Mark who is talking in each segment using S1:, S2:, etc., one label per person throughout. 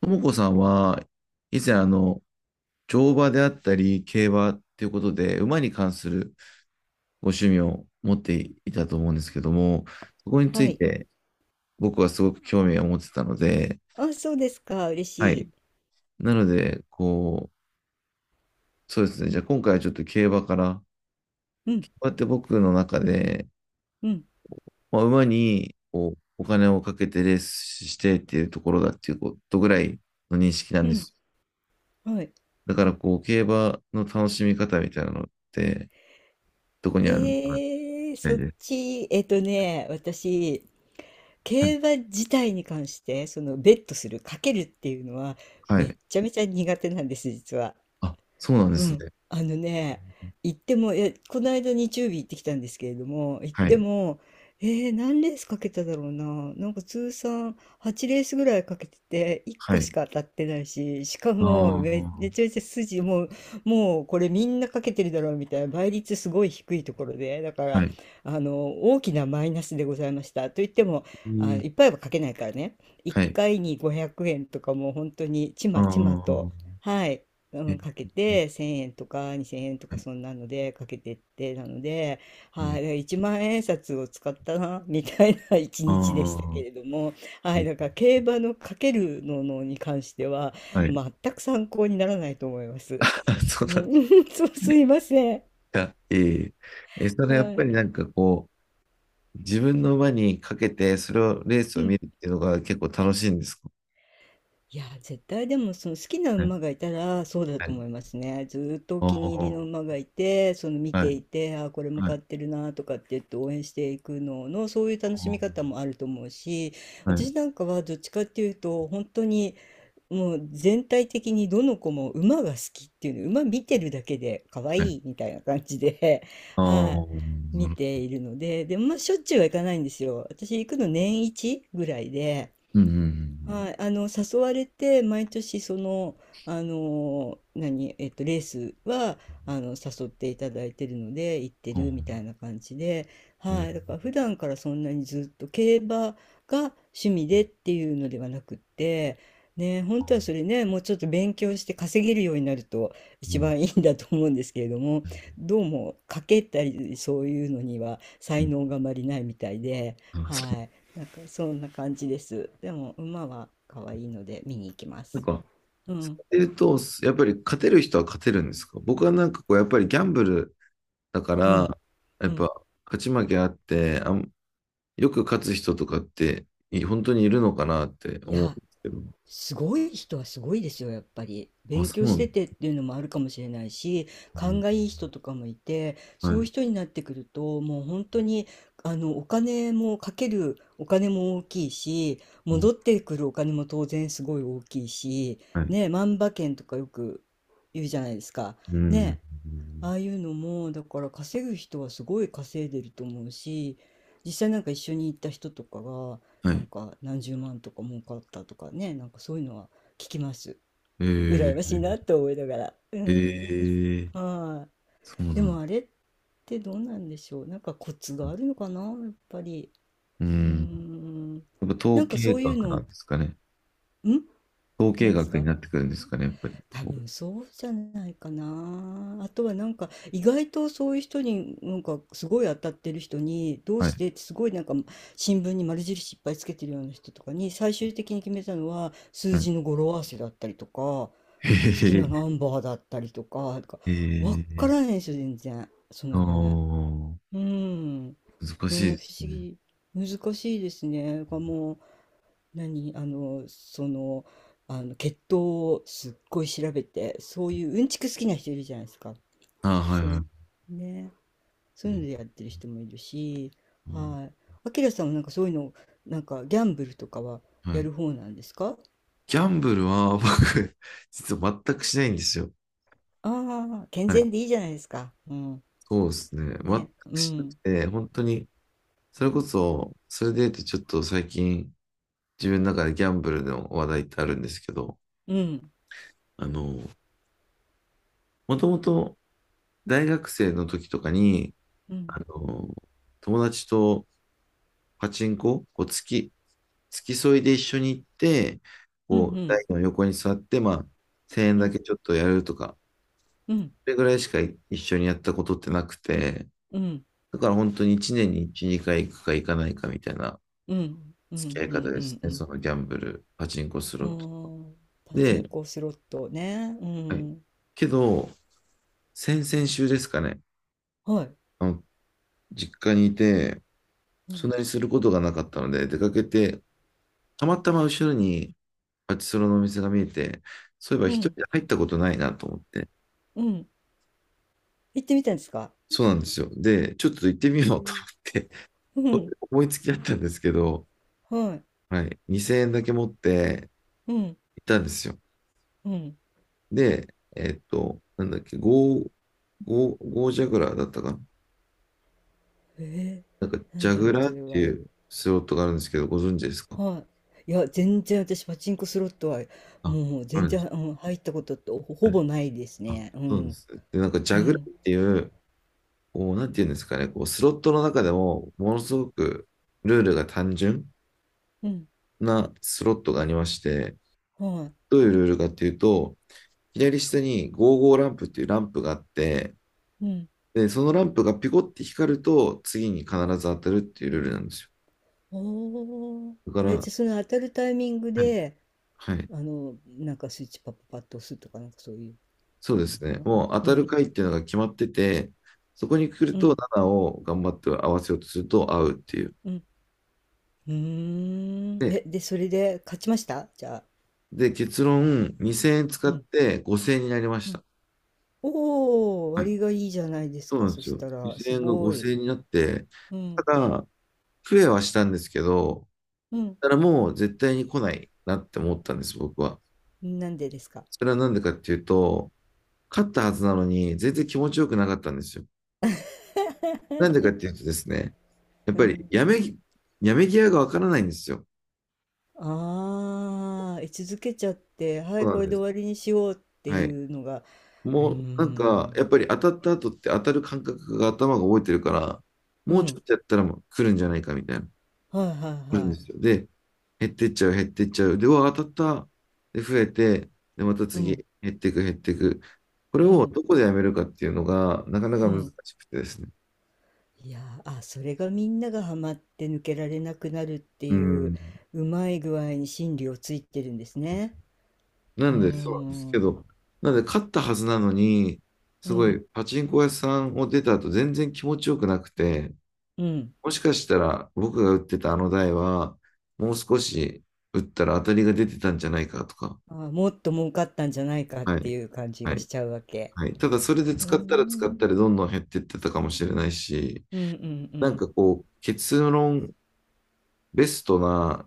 S1: ともこさんは、以前、乗馬であったり、競馬っていうことで、馬に関するご趣味を持っていたと思うんですけども、そこにつ
S2: は
S1: い
S2: い。
S1: て僕はすごく興味を持ってたので、
S2: あ、そうですか。嬉
S1: は
S2: しい。
S1: い。なので、そうですね。じゃあ今回はちょっと競馬から、こ
S2: うん、
S1: うやって僕の中で、
S2: うん、
S1: まあ、馬にこうお金をかけてレースしてっていうところだっていうことぐらいの認識なん
S2: う
S1: で
S2: ん。
S1: す。
S2: はい。
S1: だから、競馬の楽しみ方みたいなのって、どこにあるのかたい
S2: そっ
S1: です。
S2: ち、ね、私、
S1: はい。
S2: 競馬自体に関して、ベットする、かけるっていうのは、
S1: は
S2: めっ
S1: い。
S2: ちゃめちゃ苦手なんです、実は。
S1: あ、そうなんで
S2: う
S1: す
S2: ん、
S1: ね。
S2: ね、行っても、この間日曜日行ってきたんですけれども、行っ
S1: は
S2: て
S1: い。
S2: も、何レースかけただろうな、なんか通算8レースぐらいかけてて、1
S1: は
S2: 個し
S1: い。
S2: か当たってないし、しか
S1: あ
S2: もめ、め
S1: あ、
S2: ちゃめちゃもうこれみんなかけてるだろうみたいな、倍率すごい低いところで、だか
S1: は
S2: ら、
S1: い。
S2: 大きなマイナスでございました。と言っても、
S1: え
S2: あ、
S1: ー
S2: いっぱいはかけないからね、1
S1: はい。
S2: 回に500円とかもう本当にち
S1: あ
S2: まちまと、
S1: あ、
S2: はい。う
S1: えー、
S2: ん、かけて1000円とか2000円と
S1: は
S2: か
S1: い。
S2: そんなのでかけてってなので、
S1: え
S2: はい、
S1: ー、
S2: だから1万円札を使ったなみたいな 一
S1: あ
S2: 日でした
S1: あ、
S2: けれども、
S1: え
S2: はい、
S1: ー
S2: だから競馬のかけるののに関しては
S1: はい。
S2: 全く参考にならないと思います。
S1: そう
S2: う
S1: なんで
S2: ん、
S1: す
S2: そうす
S1: ね。
S2: いません。
S1: いや、えーえ、それやっ
S2: は
S1: ぱ
S2: い。
S1: りなんかこう、自分の馬にかけて、それを、レース
S2: う
S1: を見
S2: ん。
S1: るっていうのが結構楽しいんですか？
S2: いや、絶対でもその好きな
S1: はい。
S2: 馬がいたらそうだ
S1: は
S2: と
S1: い。
S2: 思いますね。ずーっとお
S1: あ
S2: 気に入りの
S1: あ、
S2: 馬がいて、その見
S1: は
S2: て
S1: い。
S2: いて、あー、これも
S1: はい。
S2: 買ってるなとかって言って応援していくのの、そういう楽
S1: あ
S2: しみ方もあると思うし、
S1: あ、は
S2: 私
S1: い。
S2: なんかはどっちかっていうと、本当にもう全体的にどの子も馬が好きっていうの、馬見てるだけで可愛
S1: はい。
S2: いみたいな感じで、
S1: ああ、
S2: はい、
S1: な
S2: 見
S1: る
S2: て
S1: ほど。
S2: いるので、でもまあしょっちゅうはいかないんですよ。私行くの年一ぐらいで。
S1: うんうん
S2: はい、誘われて毎年何、えっと、レースは誘っていただいてるので行って
S1: うん。ああ、
S2: るみたいな感じで、
S1: え
S2: は
S1: ー、
S2: い、だから普段からそんなにずっと競馬が趣味でっていうのではなくって、ね、本当はそれねもうちょっと勉強して稼げるようになると
S1: う
S2: 一
S1: ん
S2: 番いいんだと思うんですけれども、どうも賭けたりそういうのには
S1: う
S2: 才
S1: ん。
S2: 能があまりないみたいで。
S1: あ、そう。
S2: はい、なんかそんな感じです。でも馬は可愛いので見に行きま
S1: なん
S2: す。
S1: か、
S2: う
S1: そ
S2: ん、
S1: ういうと、やっぱり勝てる人は勝てるんですか？僕はなんかこう、やっぱりギャンブルだか
S2: う
S1: ら、
S2: ん、
S1: や
S2: う
S1: っ
S2: ん。
S1: ぱ勝ち負けあって、よく勝つ人とかって、本当にいるのかなって
S2: い
S1: 思うんで
S2: や、
S1: すけど。
S2: すごい人はすごいですよ、やっぱり。
S1: あ、
S2: 勉
S1: そう
S2: 強
S1: な
S2: して
S1: ん
S2: てっていうのもあるかもしれないし、勘がいい人とかもいて、
S1: だ。は
S2: そういう
S1: い。
S2: 人になってくると、もう本当に、お金もかけるお金も大きいし、
S1: うん。
S2: 戻ってくるお金も当然すごい大きいし、
S1: はい。
S2: ね、万馬券とかよく言うじゃないですか。
S1: うん。
S2: ね、ああいうのも、だから稼ぐ人はすごい稼いでると思うし、実際なんか一緒に行った人とかが、
S1: は
S2: なん
S1: い。
S2: か何十万とか儲かったとかね、なんかそういうのは聞きます。羨
S1: え
S2: ましいな
S1: ー、
S2: と思いながら。うん。
S1: えー、
S2: は
S1: そう
S2: い。で
S1: なん
S2: も
S1: だ。
S2: あれってどうなんでしょう。なんかコツがあるのかな、やっぱり。
S1: う
S2: う
S1: ん。
S2: ん。
S1: やっぱ
S2: なん
S1: 統
S2: か
S1: 計
S2: そういう
S1: 学な
S2: の、
S1: んですかね。
S2: ん
S1: 統計
S2: 何です
S1: 学に
S2: か。
S1: なってくるんですかね、やっぱり。
S2: 多分そうじゃないかな。あとはなんか意外とそういう人に、なんかすごい当たってる人にどう
S1: は
S2: し
S1: い。
S2: てって、すごいなんか新聞に丸印いっぱいつけてるような人とかに、最終的に決めたのは数
S1: はい。
S2: 字の語呂合わせだったりとか好
S1: へ
S2: き
S1: へ
S2: な
S1: へ、
S2: ナンバーだったりとか、なんかわか
S1: ええ、
S2: らないんですよ全然その
S1: ああ
S2: 辺。
S1: ー、
S2: うん。ね、
S1: 難
S2: 不
S1: しいで
S2: 思
S1: すね。
S2: 議。難しいですね。がもう何あのその、あの血糖をすっごい調べて、そういううんちく好きな人いるじゃないですか。
S1: ああ、はい
S2: そう
S1: は
S2: ね、そ
S1: い。
S2: ういうのでやってる人もいるし、はい、あきらさんはなんかそういうの、なんかギャンブルとかは
S1: は
S2: や
S1: い。
S2: る方なんですか。
S1: ギャンブルは 僕、実は全くしないんですよ。
S2: ああー、健
S1: はい。
S2: 全でいいじゃないですか。うん、
S1: そうですね。全
S2: ね、
S1: く
S2: う
S1: しなく
S2: ん、
S1: て、本当に、それこそ、それで言うとちょっと最近、自分の中でギャンブルの話題ってあるんですけど、
S2: うん、
S1: あの、もともと大学生の時とかに、
S2: うん、
S1: あの、友達とパチンコ、こう月、付き添いで一緒に行って、
S2: うん、う
S1: 台
S2: ん、
S1: の横に座って、まあ、1円だけちょっとやるとか、
S2: うん、
S1: それぐらいしか一緒にやったことってなくて、
S2: うん、うん、
S1: だから本当に1年に1、2回行くか行かないかみたいな
S2: うん、うん、
S1: 付き合い
S2: う
S1: 方
S2: ん、う
S1: で
S2: ん、
S1: す
S2: うん、
S1: ね。
S2: うん、
S1: そのギャンブル、パチンコス
S2: う
S1: ロット。
S2: ん。パチン
S1: で、
S2: コスロットね、う
S1: はい。
S2: ん、
S1: けど、先々週ですかね、
S2: はい、
S1: あの、実家にいて、そんなにすることがなかったので、出かけて、たまたま後ろにパチスロのお店が見えて、そういえば
S2: う
S1: 一人
S2: ん、
S1: で入ったことないなと思って、
S2: うん。行ってみたんですか。
S1: そうなんですよ。で、ちょっと行ってみ
S2: へ
S1: ようと
S2: え、
S1: 思って
S2: うん、
S1: 思いつきだったんですけど、
S2: はい、
S1: はい、2000円だけ持って
S2: うん、
S1: 行ったんですよ。
S2: うん。
S1: で、なんだっけ、ゴージャグラーだったかな？
S2: え
S1: なんか、
S2: な
S1: ジ
S2: ん
S1: ャ
S2: だ
S1: グ
S2: ろう、
S1: ラー
S2: そ
S1: っ
S2: れ
S1: て
S2: は。
S1: いうスロットがあるんですけど、ご存知ですか？
S2: はい。いや、全然私、パチンコスロットは、
S1: あ、
S2: もう、
S1: あ
S2: 全
S1: るんで
S2: 然、
S1: す
S2: うん、入ったことってほ、
S1: か？
S2: ほ
S1: はい。
S2: ぼないです
S1: あ、
S2: ね。う
S1: そうで
S2: ん、
S1: す。で、なんか、ジ
S2: う
S1: ャグラ
S2: ん、
S1: ーっていう、なんていうんですかね、スロットの中でも、ものすごくルールが単純
S2: うん、
S1: なスロットがありまして、
S2: は
S1: どういうルールかっていうと、左下に55ランプっていうランプがあって、
S2: い、うん。
S1: で、そのランプがピコって光ると、次に必ず当たるっていうルールなんです
S2: おー。
S1: よ。だから、
S2: じゃあ、その当たるタイミング
S1: はい、
S2: で、
S1: はい、
S2: なんかスイッチパッパッパッと押すとか、なんかそういう
S1: そう
S2: の
S1: で
S2: なの
S1: す
S2: か
S1: ね。
S2: な。
S1: もう当
S2: う
S1: たる
S2: ん、
S1: 回っていうのが決まってて、そこに来
S2: う
S1: ると
S2: ん、
S1: 7を頑張って合わせようとすると合うっていう。
S2: うん。うーん。
S1: で、
S2: で、それで勝ちましたじゃあ。
S1: で結論、2000円使
S2: う
S1: っ
S2: ん、
S1: て5000円になりまし
S2: うん。
S1: た。
S2: おお、
S1: はい、
S2: 割がいいじゃないです
S1: そう
S2: か。
S1: なん
S2: そ
S1: です
S2: し
S1: よ。
S2: たら、す
S1: 2000円が
S2: ご
S1: 5000
S2: い。
S1: 円になって、
S2: う
S1: た
S2: ん。
S1: だ、増えはしたんですけど、
S2: うん。
S1: ただからもう絶対に来ないなって思ったんです、僕は。
S2: なんでですか。
S1: それはなんでかっていうと、勝ったはずなのに、全然気持ちよくなかったんですよ。なんでかっ ていうとですね、やっ
S2: う
S1: ぱり
S2: ん。
S1: やめ際がわからないんですよ。
S2: ああ、居続けちゃって、は
S1: そ
S2: い、
S1: うな
S2: こ
S1: ん
S2: れ
S1: で
S2: で
S1: す。
S2: 終わりにしようって
S1: はい。
S2: いうのが、うー
S1: もうなんか、
S2: ん。
S1: やっぱり当たった後って当たる感覚が頭が覚えてるから、
S2: う
S1: もうちょ
S2: ん。
S1: っとやったらもう来るんじゃないかみたいな、
S2: はいはい
S1: 来るん
S2: は
S1: で
S2: い。
S1: すよ。で、減ってっちゃう、減ってっちゃう。で、うわ、当たった。で、増えて、で、また
S2: う
S1: 次、
S2: ん。
S1: 減っていく、減っていく。これ
S2: う
S1: を
S2: ん。
S1: どこでやめるかっていうのが、なかなか
S2: う
S1: 難
S2: ん。
S1: しくてですね。
S2: いやー、あ、それがみんながハマって抜けられなくなるって
S1: う
S2: いう、
S1: ん。
S2: うまい具合に心理をついてるんですね。
S1: な
S2: うー
S1: んで、そうなんですけ
S2: ん。
S1: ど、なんで、勝ったはずなのに、
S2: う
S1: すごい、
S2: ん。
S1: パチンコ屋さんを出た後、全然気持ちよくなくて、
S2: うん。
S1: もしかしたら、僕が打ってたあの台は、もう少し打ったら当たりが出てたんじゃないかとか、
S2: ああ、もっと儲かったんじゃないかっ
S1: は
S2: てい
S1: い、
S2: う感じ
S1: は
S2: がし
S1: い、
S2: ちゃうわけ。
S1: はい。ただ、それで
S2: うー
S1: 使ったら使った
S2: ん、
S1: ら、どんどん減ってってたかもしれないし、
S2: うん、うん、う
S1: なん
S2: ん、
S1: かこう、結論、ベストな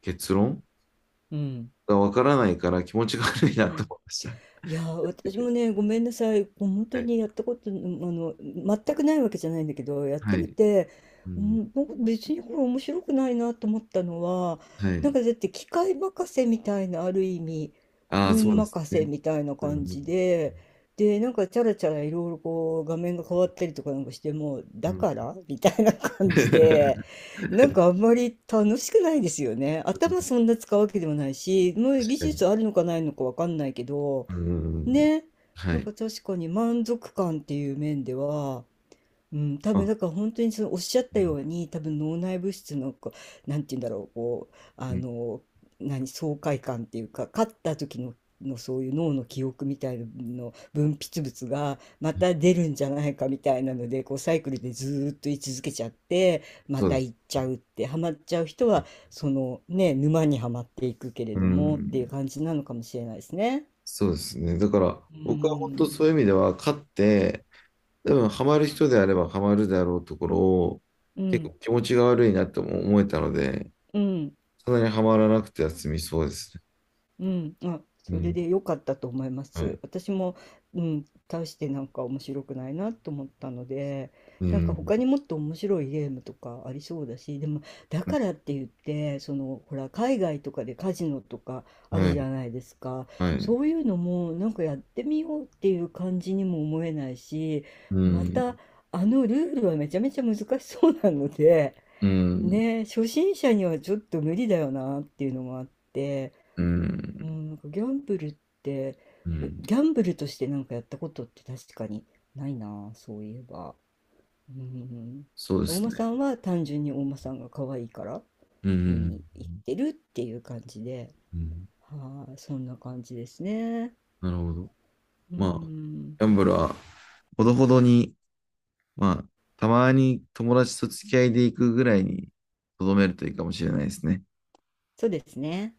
S1: 結論
S2: うん。
S1: がわからないから、気持ちが悪い
S2: う
S1: なと
S2: ん、
S1: 思いました。
S2: いやー、私 もね、ごめんなさい。こう本
S1: は
S2: 当
S1: い、
S2: にやったこと、あの、全くないわけじゃないんだけど、やって
S1: は
S2: み
S1: い、
S2: て、
S1: う
S2: う
S1: ん、
S2: ん、僕別にこれ面白くないなと思ったのは、
S1: は
S2: なん
S1: い。
S2: かだって機械任せみたいな、ある意味、
S1: ああ、そ
S2: 運
S1: うです
S2: 任せ
S1: ね。
S2: みたいな
S1: う
S2: 感
S1: ん
S2: じで、なんかチャラチャラいろいろこう画面が変わったりとかなんかしても、
S1: うん
S2: だ
S1: う
S2: か
S1: ん。
S2: らみたいな感じで、なん かあんまり楽しくないですよね。頭そんな使うわけでもないし、もう
S1: 確
S2: 技
S1: かに。
S2: 術あるのかないのかわかんないけど、
S1: うん
S2: ね、
S1: は
S2: なん
S1: い。
S2: か確かに満足感っていう面では、うん、多
S1: あ、
S2: 分
S1: う
S2: なんか本当にそのおっしゃったよ
S1: ん
S2: うに、多分脳内物質のこう、なんて言うんだろう、こう、
S1: う
S2: あ
S1: ん
S2: の何爽快感っていうか勝った時の、そういう脳の記憶みたいなの分泌物がまた出るんじゃないかみたいなので、こうサイクルでずーっと居続けちゃって、ま
S1: そう
S2: た
S1: です。
S2: 行っちゃうって、ハマっちゃう人はそのね、沼にはまっていくけれ
S1: う
S2: どもっていう
S1: ん。
S2: 感じなのかもしれないですね。
S1: そうですね。だから、
S2: う
S1: 僕は本当
S2: ん、
S1: そういう意味では、勝って、多分ハマる人であればハマるだろうところを、
S2: う
S1: 結
S2: ん、
S1: 構気持ちが悪いなとも思えたので、
S2: うん、
S1: そんなにハマらなくては済みそうですね。
S2: うん、あ、
S1: う
S2: それ
S1: ん。
S2: で良かったと思いま
S1: はい。
S2: す。私も、うん、大してなんか面白くないなと思ったので、
S1: う
S2: なんか
S1: ん。
S2: 他にもっと面白いゲームとかありそうだし、でもだ
S1: うん
S2: からって言って、その、ほら、海外とかでカジノとかあ
S1: は
S2: るじ
S1: い。
S2: ゃないですか。
S1: はい。
S2: そういうのもなんかやってみようっていう感じにも思えないし、
S1: う
S2: また
S1: ん。
S2: あのルールはめちゃめちゃ難しそうなので、
S1: うん。
S2: ね、初心者にはちょっと無理だよなっていうのもあって、
S1: う
S2: う
S1: ん。
S2: ん、なんかギャンブルって、
S1: うん。
S2: ギャンブルとしてなんかやったことって、確かにないな、そういえば。うん、
S1: そうで
S2: お
S1: す
S2: 馬
S1: ね。
S2: さんは単純にお馬さんが可愛いから
S1: う
S2: 見
S1: ん。
S2: に行ってるっていう感じで、
S1: うん、
S2: はい、そんな感じですね。
S1: なるほど。
S2: う
S1: まあ、
S2: ん、
S1: ギャンブルは、ほどほどに、まあ、たまに友達と付き合いでいくぐらいに、とどめるといいかもしれないですね。
S2: そうですね。